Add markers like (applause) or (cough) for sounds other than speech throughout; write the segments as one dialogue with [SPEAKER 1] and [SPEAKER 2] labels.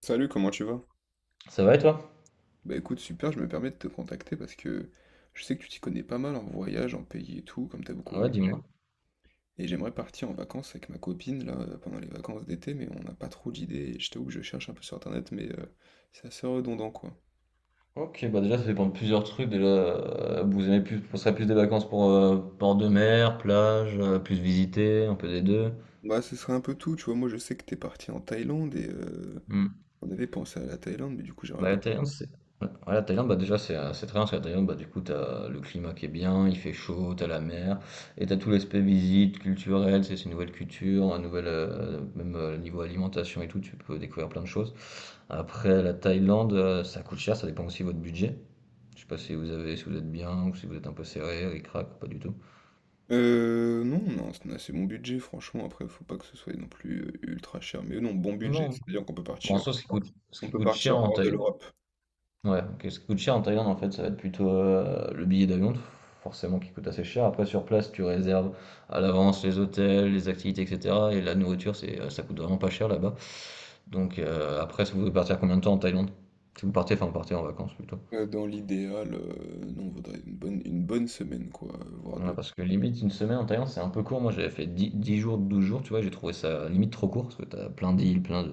[SPEAKER 1] Salut, comment tu vas?
[SPEAKER 2] Ça va et toi?
[SPEAKER 1] Bah écoute, super, je me permets de te contacter parce que je sais que tu t'y connais pas mal en voyage, en pays et tout, comme t'as beaucoup
[SPEAKER 2] Ouais,
[SPEAKER 1] voyagé.
[SPEAKER 2] dis-moi.
[SPEAKER 1] Et j'aimerais partir en vacances avec ma copine là pendant les vacances d'été, mais on n'a pas trop d'idées, et je t'avoue que je cherche un peu sur internet, mais c'est assez redondant quoi.
[SPEAKER 2] Ok, bah déjà ça dépend de plusieurs trucs. Déjà, vous aimez plus, ce serait plus des vacances pour port de mer, plage, plus visiter, un peu des deux.
[SPEAKER 1] Bah ce serait un peu tout, tu vois. Moi je sais que t'es parti en Thaïlande et
[SPEAKER 2] Hmm.
[SPEAKER 1] on avait pensé à la Thaïlande, mais du coup j'aimerais
[SPEAKER 2] Bah la
[SPEAKER 1] bien.
[SPEAKER 2] Thaïlande, c'est. Ouais, ouais, la Thaïlande, bah déjà c'est très bien parce que la Thaïlande, bah du coup t'as le climat qui est bien, il fait chaud, t'as la mer, et t'as tout l'aspect visite, culturel, c'est une nouvelle culture, un nouvel, même niveau alimentation et tout, tu peux découvrir plein de choses. Après la Thaïlande, ça coûte cher, ça dépend aussi de votre budget. Je sais pas si vous avez si vous êtes bien ou si vous êtes un peu serré, ric-rac ou pas du tout?
[SPEAKER 1] Non, non, c'est un assez bon budget, franchement. Après, faut pas que ce soit non plus ultra cher, mais non, bon budget,
[SPEAKER 2] Non.
[SPEAKER 1] c'est-à-dire qu'on peut
[SPEAKER 2] Bon, en
[SPEAKER 1] partir.
[SPEAKER 2] soi, ce
[SPEAKER 1] On
[SPEAKER 2] qui
[SPEAKER 1] peut
[SPEAKER 2] coûte cher
[SPEAKER 1] partir
[SPEAKER 2] en
[SPEAKER 1] hors de
[SPEAKER 2] Thaïlande.
[SPEAKER 1] l'Europe.
[SPEAKER 2] Ouais, ok, ce qui coûte cher en Thaïlande, en fait, ça va être plutôt, le billet d'avion f forcément qui coûte assez cher. Après sur place, tu réserves à l'avance les hôtels, les activités et cetera et la nourriture, ça coûte vraiment pas cher là-bas. Donc après si vous voulez partir combien de temps en Thaïlande? Si vous partez enfin vous partez en vacances plutôt.
[SPEAKER 1] Dans l'idéal, non, on voudrait une bonne semaine, quoi, voire
[SPEAKER 2] Ouais,
[SPEAKER 1] deux.
[SPEAKER 2] parce que limite une semaine en Thaïlande, c'est un peu court. Moi, j'avais fait 10 jours, 12 jours, tu vois, j'ai trouvé ça limite trop court parce que t'as plein d'îles,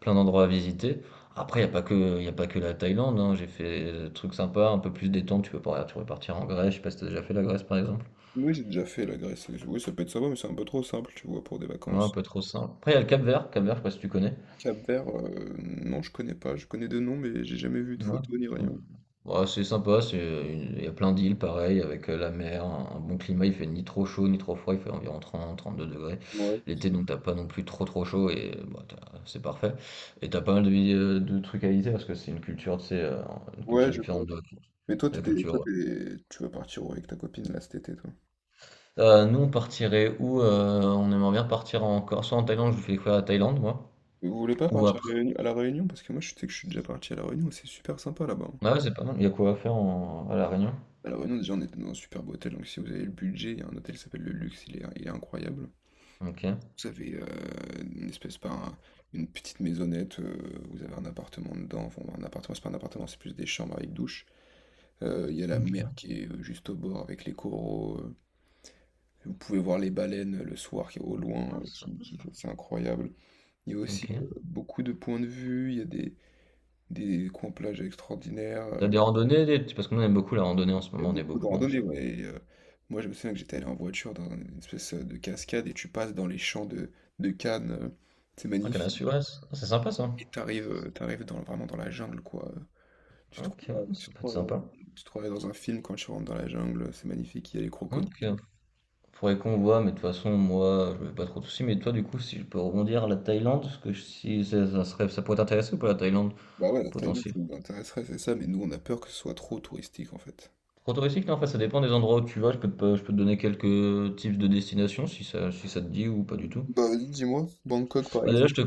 [SPEAKER 2] plein d'endroits à visiter. Après, il n'y a pas que, y a pas que la Thaïlande, hein. J'ai fait des trucs sympas, un peu plus détente. Tu peux partir en Grèce, je sais pas si t'as déjà fait la Grèce par exemple.
[SPEAKER 1] Oui, j'ai déjà fait la Grèce. Oui, ça peut être sympa, mais c'est un peu trop simple, tu vois, pour des
[SPEAKER 2] Moi, un
[SPEAKER 1] vacances.
[SPEAKER 2] peu trop simple. Après, il y a le Cap-Vert, Cap-Vert, je sais pas si tu connais.
[SPEAKER 1] Cap-Vert, non, je connais pas. Je connais de nom, mais j'ai jamais vu de
[SPEAKER 2] Ouais.
[SPEAKER 1] photo ni rien.
[SPEAKER 2] Ouais, c'est sympa, il y a plein d'îles pareil, avec la mer, un bon climat, il fait ni trop chaud ni trop froid, il fait environ 32 degrés.
[SPEAKER 1] Ouais, c'est
[SPEAKER 2] L'été,
[SPEAKER 1] ça.
[SPEAKER 2] donc t'as pas non plus trop trop chaud et bah, c'est parfait. Et t'as pas mal de trucs à visiter parce que c'est une culture, tu sais, une culture
[SPEAKER 1] Ouais, je vois.
[SPEAKER 2] différente de la culture.
[SPEAKER 1] Mais toi,
[SPEAKER 2] De
[SPEAKER 1] t'es
[SPEAKER 2] la
[SPEAKER 1] des-
[SPEAKER 2] culture,
[SPEAKER 1] toi
[SPEAKER 2] ouais.
[SPEAKER 1] t'es- tu vas partir où avec ta copine là cet été, toi.
[SPEAKER 2] Nous, on aimerait bien partir encore, soit en Thaïlande, je vous fais découvrir la Thaïlande, moi,
[SPEAKER 1] Et vous voulez pas
[SPEAKER 2] ou
[SPEAKER 1] partir à
[SPEAKER 2] après.
[SPEAKER 1] la Réunion? À la Réunion, parce que moi, je sais que je suis déjà parti à la Réunion, c'est super sympa là-bas, hein.
[SPEAKER 2] Ah ouais, c'est pas mal, il y a quoi à faire à La Réunion.
[SPEAKER 1] À la Réunion, déjà, on était dans un superbe hôtel, donc si vous avez le budget, il y a un hôtel qui s'appelle Le Luxe, il est incroyable.
[SPEAKER 2] Ok.
[SPEAKER 1] Vous avez, une espèce, pas un, une petite maisonnette, vous avez un appartement dedans, enfin un appartement, c'est pas un appartement, c'est plus des chambres avec douche. Il y a la mer
[SPEAKER 2] Ok.
[SPEAKER 1] qui est, juste au bord avec les coraux, vous pouvez voir les baleines, le soir qui au loin,
[SPEAKER 2] Non, c'est
[SPEAKER 1] qui
[SPEAKER 2] sympa,
[SPEAKER 1] qui
[SPEAKER 2] ça.
[SPEAKER 1] c'est incroyable. Il y a
[SPEAKER 2] Ok.
[SPEAKER 1] aussi, beaucoup de points de vue, il y a des coins plages extraordinaires,
[SPEAKER 2] T'as des randonnées, parce que nous on aime beaucoup la randonnée en ce
[SPEAKER 1] il y a
[SPEAKER 2] moment, on est
[SPEAKER 1] beaucoup de
[SPEAKER 2] beaucoup, bon, je
[SPEAKER 1] randonnées,
[SPEAKER 2] sais pas.
[SPEAKER 1] ouais, et moi je me souviens que j'étais allé en voiture dans une espèce, de cascade et tu passes dans les champs de cannes, c'est
[SPEAKER 2] Ah, Canal Sud,
[SPEAKER 1] magnifique.
[SPEAKER 2] ouais, c'est sympa ça.
[SPEAKER 1] Et t'arrives dans vraiment dans la jungle, quoi,
[SPEAKER 2] Ok, ouais, ça
[SPEAKER 1] tu te
[SPEAKER 2] peut être
[SPEAKER 1] croirais dans
[SPEAKER 2] sympa.
[SPEAKER 1] tu te croirais dans un film quand tu rentres dans la jungle, c'est magnifique, il y a les
[SPEAKER 2] Ok.
[SPEAKER 1] crocodiles.
[SPEAKER 2] Faudrait qu'on voit, mais de toute façon, moi, je vais pas trop de soucis. Mais toi, du coup, si je peux rebondir à la Thaïlande, si ça, ça serait, ça pourrait t'intéresser ou pas la Thaïlande,
[SPEAKER 1] Bah ouais, la Thaïlande, ça
[SPEAKER 2] potentiel.
[SPEAKER 1] nous intéresserait, c'est ça, mais nous, on a peur que ce soit trop touristique, en fait.
[SPEAKER 2] Trop touristique, non, enfin, ça dépend des endroits où tu vas. Je peux te, pas- je peux te donner quelques types de destinations, si ça, si ça te dit ou pas du tout.
[SPEAKER 1] Bah, vas-y, dis-moi, Bangkok, par
[SPEAKER 2] Bah, déjà,
[SPEAKER 1] exemple.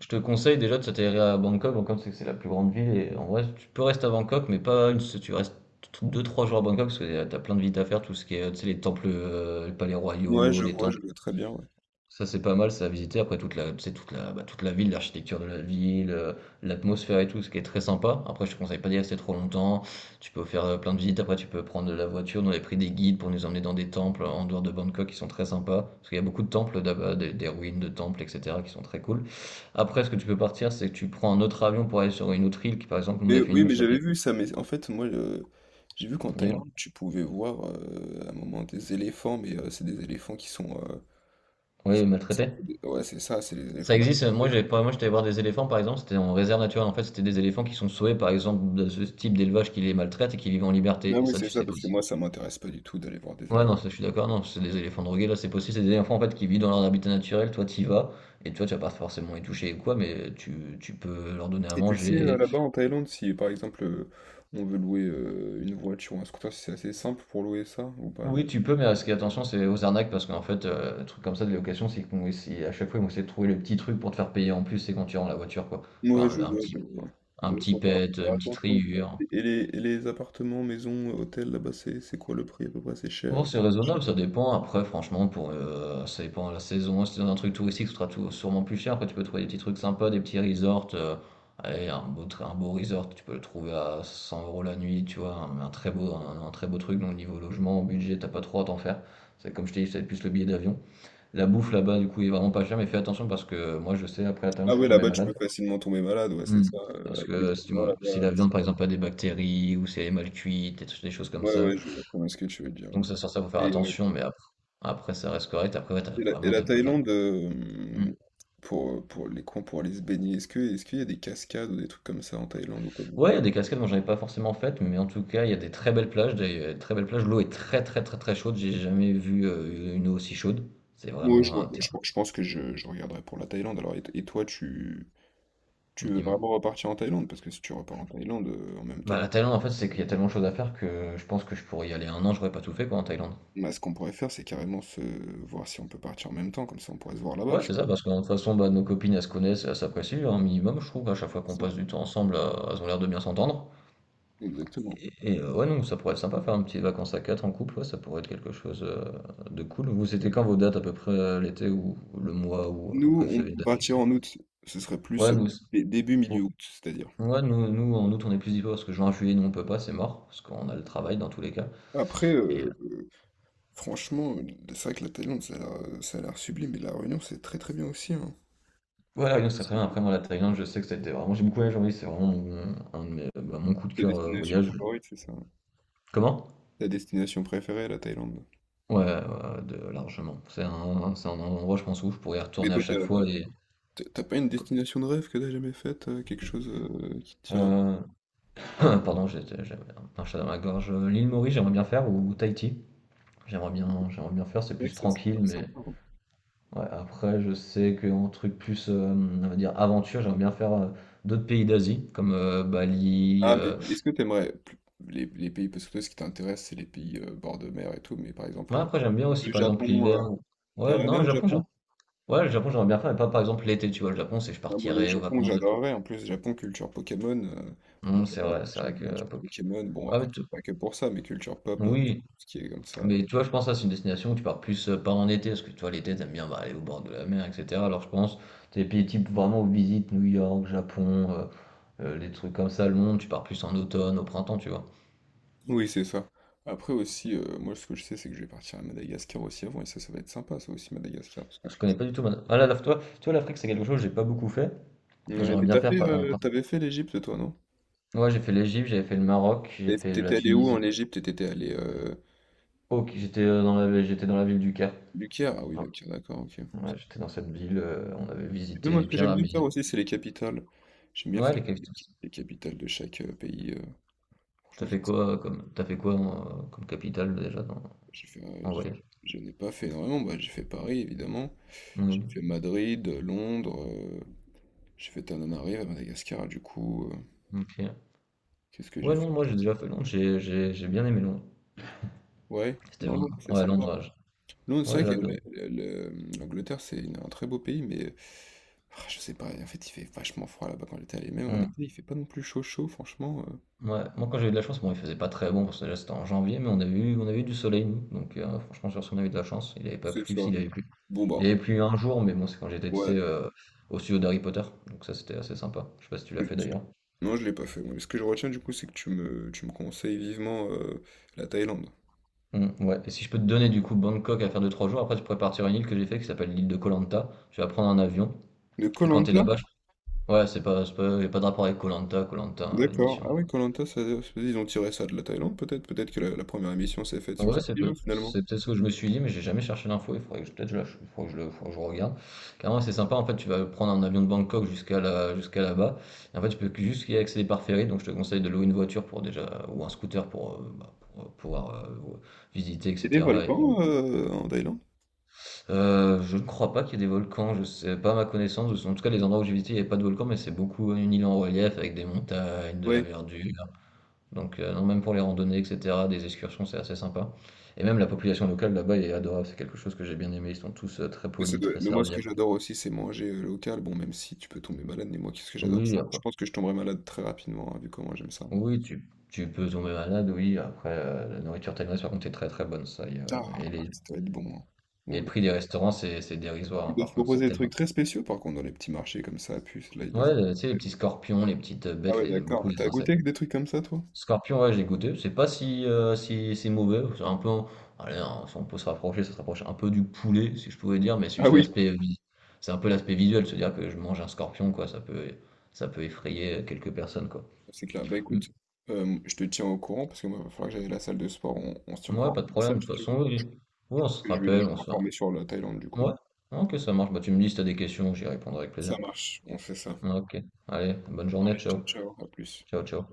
[SPEAKER 2] je te conseille déjà de s'atterrir à Bangkok. Bangkok, c'est la plus grande ville. Et en vrai, tu peux rester à Bangkok, mais pas une, tu restes 2 3 jours à Bangkok parce que t'as plein de visites à faire. Tout ce qui est, tu sais, les temples, les palais
[SPEAKER 1] Ouais,
[SPEAKER 2] royaux, les
[SPEAKER 1] je
[SPEAKER 2] temples.
[SPEAKER 1] vois très bien, ouais.
[SPEAKER 2] Ça, c'est pas mal, ça, à visiter. Après, toute la ville, l'architecture de la ville, l'atmosphère et tout, ce qui est très sympa. Après, je te conseille pas d'y rester trop longtemps. Tu peux faire plein de visites. Après, tu peux prendre de la voiture. Nous, on avait pris des guides pour nous emmener dans des temples en dehors de Bangkok qui sont très sympas. Parce qu'il y a beaucoup de temples là-bas, des ruines de temples, etc., qui sont très cool. Après, ce que tu peux partir, c'est que tu prends un autre avion pour aller sur une autre île. Nous, on
[SPEAKER 1] Mais
[SPEAKER 2] a fait une
[SPEAKER 1] oui,
[SPEAKER 2] île
[SPEAKER 1] mais
[SPEAKER 2] qui
[SPEAKER 1] j'avais
[SPEAKER 2] s'appelait.
[SPEAKER 1] vu ça, mais en fait, moi, j'ai vu qu'en
[SPEAKER 2] Dis-moi.
[SPEAKER 1] Thaïlande, tu pouvais voir, à un moment, des éléphants, mais c'est des éléphants qui sont,
[SPEAKER 2] Oui,
[SPEAKER 1] c'est un
[SPEAKER 2] maltraité.
[SPEAKER 1] peu des, ouais, c'est ça, c'est les éléphants
[SPEAKER 2] Ça existe.
[SPEAKER 1] maltraités,
[SPEAKER 2] Moi,
[SPEAKER 1] hein.
[SPEAKER 2] j'avais pas. Moi, j'étais voir des éléphants, par exemple. C'était en réserve naturelle. En fait, c'était des éléphants qui sont sauvés, par exemple, de ce type d'élevage qui les maltraite et qui vivent en
[SPEAKER 1] Ah
[SPEAKER 2] liberté. Et
[SPEAKER 1] oui,
[SPEAKER 2] ça,
[SPEAKER 1] c'est
[SPEAKER 2] tu
[SPEAKER 1] ça,
[SPEAKER 2] sais pas.
[SPEAKER 1] parce que
[SPEAKER 2] Si
[SPEAKER 1] moi, ça m'intéresse pas du tout d'aller voir des
[SPEAKER 2] Ouais, non,
[SPEAKER 1] éléphants.
[SPEAKER 2] ça, je suis d'accord. Non, c'est des éléphants drogués. Là, c'est possible. C'est des éléphants en fait qui vivent dans leur habitat naturel. Toi, t'y vas et toi, tu vas pas forcément les toucher ou quoi, mais tu peux leur donner à
[SPEAKER 1] Et tu sais,
[SPEAKER 2] manger.
[SPEAKER 1] là-bas en Thaïlande, si par exemple on veut louer une voiture ou un scooter, si c'est assez simple pour louer ça ou pas?
[SPEAKER 2] Oui, tu peux, mais ce qui est attention, c'est aux arnaques parce qu'en fait, un truc comme ça de location, à chaque fois, ils vont essayer de trouver le petit truc pour te faire payer en plus. C'est quand tu rends la voiture, quoi. Genre
[SPEAKER 1] Ouais, je
[SPEAKER 2] un, un
[SPEAKER 1] vois,
[SPEAKER 2] petit,
[SPEAKER 1] je vois.
[SPEAKER 2] un
[SPEAKER 1] Ouais,
[SPEAKER 2] petit
[SPEAKER 1] faut faire
[SPEAKER 2] pet,
[SPEAKER 1] faire
[SPEAKER 2] une petite
[SPEAKER 1] attention, quoi.
[SPEAKER 2] rayure.
[SPEAKER 1] Et les appartements, maisons, hôtels, là-bas, c'est quoi le prix à peu près? C'est cher.
[SPEAKER 2] Bon, c'est
[SPEAKER 1] cher.
[SPEAKER 2] raisonnable, ça dépend. Après, franchement, pour ça dépend de la saison. Si t'es dans un truc touristique, sûrement plus cher. Après, tu peux trouver des petits trucs sympas, des petits resorts. Allez, un beau resort, tu peux le trouver à 100 euros la nuit, tu vois. Un très beau truc. Donc, niveau logement, budget, t'as pas trop à t'en faire. C'est comme je t'ai dit, c'est plus le billet d'avion. La bouffe là-bas, du coup, est vraiment pas chère. Mais fais attention parce que moi, je sais, après la Thaïlande,
[SPEAKER 1] Ah
[SPEAKER 2] je suis
[SPEAKER 1] ouais,
[SPEAKER 2] tombé
[SPEAKER 1] là-bas, tu
[SPEAKER 2] malade.
[SPEAKER 1] peux facilement tomber malade, ouais, c'est
[SPEAKER 2] Hmm.
[SPEAKER 1] ça.
[SPEAKER 2] Parce
[SPEAKER 1] Avec les
[SPEAKER 2] que si,
[SPEAKER 1] étudiants là-bas.
[SPEAKER 2] si la viande, par exemple, a des bactéries ou si elle est mal cuite, des choses comme
[SPEAKER 1] Ouais,
[SPEAKER 2] ça.
[SPEAKER 1] ouais, je vois très bien ce que tu veux dire,
[SPEAKER 2] Donc
[SPEAKER 1] ouais.
[SPEAKER 2] ça, faut faire
[SPEAKER 1] Et, euh,
[SPEAKER 2] attention, mais après ça reste correct. Après ouais, tu
[SPEAKER 1] et la, et
[SPEAKER 2] vraiment
[SPEAKER 1] la
[SPEAKER 2] tu pas. Enfin,
[SPEAKER 1] Thaïlande,
[SPEAKER 2] mmh.
[SPEAKER 1] pour les coins, pour aller se baigner, est-ce qu'il y a des cascades ou des trucs comme ça en Thaïlande ou pas du
[SPEAKER 2] Ouais,
[SPEAKER 1] tout?
[SPEAKER 2] il y a des cascades dont j'avais pas forcément faites, mais en tout cas, il y a des très belles plages, des très belles plages. L'eau est très chaude. J'ai jamais vu, une eau aussi chaude. C'est
[SPEAKER 1] Oui, je
[SPEAKER 2] vraiment,
[SPEAKER 1] vois.
[SPEAKER 2] terr
[SPEAKER 1] Je pense que je regarderai pour la Thaïlande. Alors, et toi, tu veux
[SPEAKER 2] Dis-moi?
[SPEAKER 1] vraiment repartir en Thaïlande? Parce que si tu repars en Thaïlande en même
[SPEAKER 2] Bah,
[SPEAKER 1] temps,
[SPEAKER 2] la Thaïlande, en fait, c'est qu'il y a tellement de choses à faire que je pense que je pourrais y aller un an, j'aurais pas tout fait, quoi, en Thaïlande.
[SPEAKER 1] bah, ce qu'on pourrait faire, c'est carrément se voir si on peut partir en même temps. Comme ça, on pourrait se voir là-bas,
[SPEAKER 2] Ouais,
[SPEAKER 1] tu
[SPEAKER 2] c'est ça,
[SPEAKER 1] vois.
[SPEAKER 2] parce que de toute façon, bah, nos copines, elles se connaissent, elles s'apprécient un minimum, je trouve. À chaque fois qu'on
[SPEAKER 1] Ça,
[SPEAKER 2] passe du temps ensemble, elles ont l'air de bien s'entendre.
[SPEAKER 1] exactement.
[SPEAKER 2] Ouais, non, ça pourrait être sympa, faire une petite vacances à 4 en couple, ouais, ça pourrait être quelque chose de cool. Vous, c'était quand vos dates à peu près l'été ou le mois ou à peu près
[SPEAKER 1] Nous,
[SPEAKER 2] vous
[SPEAKER 1] on
[SPEAKER 2] avez une
[SPEAKER 1] peut
[SPEAKER 2] date
[SPEAKER 1] partir
[SPEAKER 2] fixée?
[SPEAKER 1] en août. Ce serait plus
[SPEAKER 2] Ouais, nous, c'est-
[SPEAKER 1] début,
[SPEAKER 2] ou-
[SPEAKER 1] milieu août, c'est-à-dire.
[SPEAKER 2] ouais, nous en août on est plus dispo parce que juin, juillet, nous on peut pas, c'est mort parce qu'on a le travail dans tous les cas.
[SPEAKER 1] Après,
[SPEAKER 2] Et euh,
[SPEAKER 1] franchement, c'est vrai que la Thaïlande, ça a l'air sublime. Et la Réunion, c'est très très bien aussi, hein.
[SPEAKER 2] ouais, donc ça très
[SPEAKER 1] C'est
[SPEAKER 2] bien. Après, moi, la Thaïlande, je sais que c'était vraiment, j'ai beaucoup voyagé, oui, c'est vraiment mon, un de mes- bah, mon coup de
[SPEAKER 1] Ta
[SPEAKER 2] cœur
[SPEAKER 1] destination
[SPEAKER 2] voyage.
[SPEAKER 1] favorite, c'est ça?
[SPEAKER 2] Comment?
[SPEAKER 1] Ta destination préférée, la Thaïlande.
[SPEAKER 2] Ouais, ouais, de, largement. C'est un endroit, je pense, où je pourrais y
[SPEAKER 1] Mais
[SPEAKER 2] retourner à
[SPEAKER 1] toi, t'as...
[SPEAKER 2] chaque fois et.
[SPEAKER 1] T'as pas une destination de rêve que t'as jamais faite, quelque chose qui te tient.
[SPEAKER 2] euh, (clears throat) Pardon, j'ai un chat dans ma gorge. L'île Maurice, j'aimerais bien faire ou Tahiti. J'aimerais bien faire, c'est
[SPEAKER 1] C'est vrai
[SPEAKER 2] plus
[SPEAKER 1] que ça, c'est
[SPEAKER 2] tranquille,
[SPEAKER 1] grave
[SPEAKER 2] mais
[SPEAKER 1] sympa, hein.
[SPEAKER 2] ouais, après je sais qu'en truc plus, on va dire aventure, j'aimerais bien faire, d'autres pays d'Asie comme, Bali,
[SPEAKER 1] Ah, mais est-ce que les pays, parce que toi, ce qui t'intéresse, c'est les pays bord de mer et tout, mais par
[SPEAKER 2] ouais,
[SPEAKER 1] exemple,
[SPEAKER 2] après j'aime bien aussi
[SPEAKER 1] le
[SPEAKER 2] par
[SPEAKER 1] Japon,
[SPEAKER 2] exemple l'hiver ou ouais,
[SPEAKER 1] t'aimerais
[SPEAKER 2] non,
[SPEAKER 1] bien
[SPEAKER 2] le
[SPEAKER 1] le
[SPEAKER 2] Japon, j'ai
[SPEAKER 1] Japon?
[SPEAKER 2] ouais, le Japon, j'aimerais bien faire, mais pas par exemple l'été, tu vois? Le Japon, c'est je
[SPEAKER 1] Ah, moi, le
[SPEAKER 2] partirais aux
[SPEAKER 1] Japon,
[SPEAKER 2] vacances de
[SPEAKER 1] j'adorerais. En plus, Japon, culture Pokémon, moi,
[SPEAKER 2] non c'est
[SPEAKER 1] j'adore les,
[SPEAKER 2] vrai, c'est
[SPEAKER 1] j'adore
[SPEAKER 2] vrai que
[SPEAKER 1] les cultures Pokémon. Bon,
[SPEAKER 2] ouais,
[SPEAKER 1] après,
[SPEAKER 2] mais
[SPEAKER 1] c'est
[SPEAKER 2] tu
[SPEAKER 1] pas que pour ça, mais culture pop, tout
[SPEAKER 2] oui.
[SPEAKER 1] ce qui est comme ça.
[SPEAKER 2] Mais tu vois, je pense que ça, c'est une destination où tu pars plus pas en été, parce que tu vois, l'été, t'aimes bien bah, aller au bord de la mer, etc. Alors je pense, t'es pays type vraiment où visite New York, Japon, les trucs comme ça, Londres, tu pars plus en automne, au printemps, tu vois.
[SPEAKER 1] Oui, c'est ça. Après aussi, moi, ce que je sais, c'est que je vais partir à Madagascar aussi avant, et ça va être sympa, ça aussi, Madagascar, parce que
[SPEAKER 2] Je connais
[SPEAKER 1] tu...
[SPEAKER 2] pas du tout. Ma- Ah, là, là, toi, tu vois, l'Afrique, c'est quelque chose que j'ai pas beaucoup fait, et
[SPEAKER 1] Ouais,
[SPEAKER 2] j'aimerais
[SPEAKER 1] mais
[SPEAKER 2] bien
[SPEAKER 1] t'as
[SPEAKER 2] faire.
[SPEAKER 1] fait, euh, t'avais fait l'Égypte, toi, non?
[SPEAKER 2] Ouais, j'ai fait l'Égypte, j'avais fait le Maroc, j'ai
[SPEAKER 1] Et
[SPEAKER 2] fait la
[SPEAKER 1] t'étais allé où en
[SPEAKER 2] Tunisie.
[SPEAKER 1] Égypte? Et T'étais allé
[SPEAKER 2] Ok, j'étais dans la ville du Caire.
[SPEAKER 1] le Caire? Ah oui,
[SPEAKER 2] Ouais,
[SPEAKER 1] le Caire, d'accord, ok. Parce
[SPEAKER 2] ouais,
[SPEAKER 1] que,
[SPEAKER 2] j'étais dans cette ville, on avait
[SPEAKER 1] tu sais,
[SPEAKER 2] visité
[SPEAKER 1] moi,
[SPEAKER 2] les
[SPEAKER 1] ce que j'aime bien
[SPEAKER 2] pyramides.
[SPEAKER 1] faire aussi, c'est les capitales. J'aime bien
[SPEAKER 2] Ouais,
[SPEAKER 1] faire
[SPEAKER 2] les
[SPEAKER 1] les,
[SPEAKER 2] capitales.
[SPEAKER 1] les capitales de chaque pays. Franchement, c'est sympa.
[SPEAKER 2] T'as fait quoi comme capitale déjà dans...
[SPEAKER 1] J'ai fait, euh,
[SPEAKER 2] en
[SPEAKER 1] j'ai-
[SPEAKER 2] voyage.
[SPEAKER 1] je n'ai pas fait énormément. Bah, j'ai fait Paris, évidemment. J'ai
[SPEAKER 2] Mm,
[SPEAKER 1] fait Madrid, Londres. J'ai fait Tananarive à Madagascar, du coup.
[SPEAKER 2] ok.
[SPEAKER 1] Qu'est-ce que
[SPEAKER 2] Ouais,
[SPEAKER 1] j'ai
[SPEAKER 2] Londres,
[SPEAKER 1] fait
[SPEAKER 2] moi j'ai
[SPEAKER 1] d'autre?
[SPEAKER 2] déjà fait Londres, j'ai bien aimé Londres.
[SPEAKER 1] Ouais,
[SPEAKER 2] C'était
[SPEAKER 1] non, non,
[SPEAKER 2] vraiment.
[SPEAKER 1] c'est sympa. Non, c'est
[SPEAKER 2] Ouais,
[SPEAKER 1] vrai que
[SPEAKER 2] j'adore.
[SPEAKER 1] le- l'Angleterre, c'est un très beau pays, mais ah, je sais pas, en fait, il fait vachement froid là-bas quand j'étais allé. Même en été,
[SPEAKER 2] Mm,
[SPEAKER 1] il fait pas non plus chaud chaud, franchement.
[SPEAKER 2] ouais. Moi, quand j'ai eu de la chance, bon, il faisait pas très bon, parce que déjà, c'était en janvier, mais on a eu du soleil, nous. Donc, franchement, sur ce, on a eu de la chance. Il avait pas
[SPEAKER 1] C'est
[SPEAKER 2] plu,
[SPEAKER 1] ça.
[SPEAKER 2] s'il avait plu.
[SPEAKER 1] Bon
[SPEAKER 2] Il
[SPEAKER 1] bah,
[SPEAKER 2] avait plu un jour, mais bon, c'est quand j'étais, tu sais,
[SPEAKER 1] ouais.
[SPEAKER 2] au studio d'Harry Potter. Donc, ça, c'était assez sympa. Je sais pas si tu l'as fait d'ailleurs.
[SPEAKER 1] Non, je l'ai pas fait, moi. Mais ce que je retiens du coup, c'est que tu me conseilles vivement la Thaïlande.
[SPEAKER 2] Mm, ouais. Et si je peux te donner, du coup, Bangkok à faire 2 3 jours, après, tu pourrais partir à une île que j'ai fait qui s'appelle l'île de Koh Lanta. Tu vas prendre un avion.
[SPEAKER 1] De koh
[SPEAKER 2] Et quand tu es là-bas, ouais, c'est pas y a pas de rapport avec koh lanta à
[SPEAKER 1] D'accord.
[SPEAKER 2] l'émission.
[SPEAKER 1] Ah oui, koh ils ont tiré ça de la Thaïlande, peut-être. Peut-être que la première émission s'est faite sur
[SPEAKER 2] Ouais,
[SPEAKER 1] cette île, hein, finalement.
[SPEAKER 2] c'est peut-être ce que je me suis dit, mais j'ai jamais cherché l'info, il faudrait que je peut-être je la ch- faudrait que je le faudrait que je regarde. Carrément c'est sympa en fait, tu vas prendre un avion de Bangkok jusqu'à là-bas. Et en fait, juste y accéder par ferry, donc je te conseille de louer une voiture pour déjà ou un scooter pour, pour pouvoir visiter
[SPEAKER 1] Il y a des
[SPEAKER 2] etc.
[SPEAKER 1] volcans en Thaïlande?
[SPEAKER 2] Je ne crois pas qu'il y ait des volcans, je sais pas à ma connaissance, en tout cas les endroits où j'ai visité, il n'y avait pas de volcans, mais c'est beaucoup une île en relief avec des montagnes, de la
[SPEAKER 1] Ouais.
[SPEAKER 2] verdure. Donc, non, même pour les randonnées, etc., des excursions, c'est assez sympa. Et même la population locale là-bas est adorable, c'est quelque chose que j'ai bien aimé. Ils sont tous très
[SPEAKER 1] Mais,
[SPEAKER 2] polis, très
[SPEAKER 1] moi, ce que
[SPEAKER 2] serviables.
[SPEAKER 1] j'adore aussi, c'est manger local. Bon, même si tu peux tomber malade, mais moi, qu'est-ce que
[SPEAKER 2] Oui,
[SPEAKER 1] j'adore
[SPEAKER 2] oui,
[SPEAKER 1] ça? Je
[SPEAKER 2] après-
[SPEAKER 1] pense que je tomberai malade très rapidement, hein, vu comment j'aime ça.
[SPEAKER 2] oui, tu peux tomber malade, oui. Après, la nourriture thaïlandaise, par contre, est très très bonne, ça. Y
[SPEAKER 1] Ah,
[SPEAKER 2] a- et, les,
[SPEAKER 1] ça doit être bon, hein.
[SPEAKER 2] et le
[SPEAKER 1] Oula.
[SPEAKER 2] prix des restaurants, c'est dérisoire,
[SPEAKER 1] Ils
[SPEAKER 2] hein,
[SPEAKER 1] doivent
[SPEAKER 2] par contre, c'est
[SPEAKER 1] proposer des trucs
[SPEAKER 2] tellement.
[SPEAKER 1] très spéciaux, par contre, dans les petits marchés comme ça, à puce, là, ils
[SPEAKER 2] Ouais,
[SPEAKER 1] doivent...
[SPEAKER 2] tu sais, les petits scorpions, les petites
[SPEAKER 1] Ah
[SPEAKER 2] bêtes,
[SPEAKER 1] ouais,
[SPEAKER 2] beaucoup
[SPEAKER 1] d'accord.
[SPEAKER 2] les
[SPEAKER 1] T'as goûté
[SPEAKER 2] insectes.
[SPEAKER 1] avec des trucs comme ça, toi?
[SPEAKER 2] Scorpion, ouais, j'ai goûté. C'est pas si, si mauvais. C'est un peu. Allez, hein, si on peut se rapprocher, ça se rapproche un peu du poulet, si je pouvais dire, mais c'est
[SPEAKER 1] Ah
[SPEAKER 2] juste
[SPEAKER 1] oui.
[SPEAKER 2] l'aspect. C'est un peu l'aspect visuel, se dire que je mange un scorpion, quoi. Ça peut effrayer quelques personnes, quoi.
[SPEAKER 1] C'est clair. Bah
[SPEAKER 2] Mm.
[SPEAKER 1] écoute, je te tiens au courant, parce que moi, il va falloir que j'aille à la salle de sport. On se tient au
[SPEAKER 2] Ouais,
[SPEAKER 1] courant.
[SPEAKER 2] pas de
[SPEAKER 1] Ça,
[SPEAKER 2] problème. De
[SPEAKER 1] si
[SPEAKER 2] toute
[SPEAKER 1] tu veux,
[SPEAKER 2] façon, oui. Oui, on
[SPEAKER 1] parce
[SPEAKER 2] se
[SPEAKER 1] que je vais,
[SPEAKER 2] rappelle,
[SPEAKER 1] je vais
[SPEAKER 2] on se fait.
[SPEAKER 1] m'informer sur la Thaïlande, du coup.
[SPEAKER 2] Ouais. Ok, ça marche. Bah, tu me dis si t'as des questions, j'y répondrai avec plaisir.
[SPEAKER 1] Ça marche. On fait ça.
[SPEAKER 2] Ok. Allez, bonne journée.
[SPEAKER 1] Allez, ciao,
[SPEAKER 2] Ciao.
[SPEAKER 1] ciao. À plus.
[SPEAKER 2] Ciao, ciao.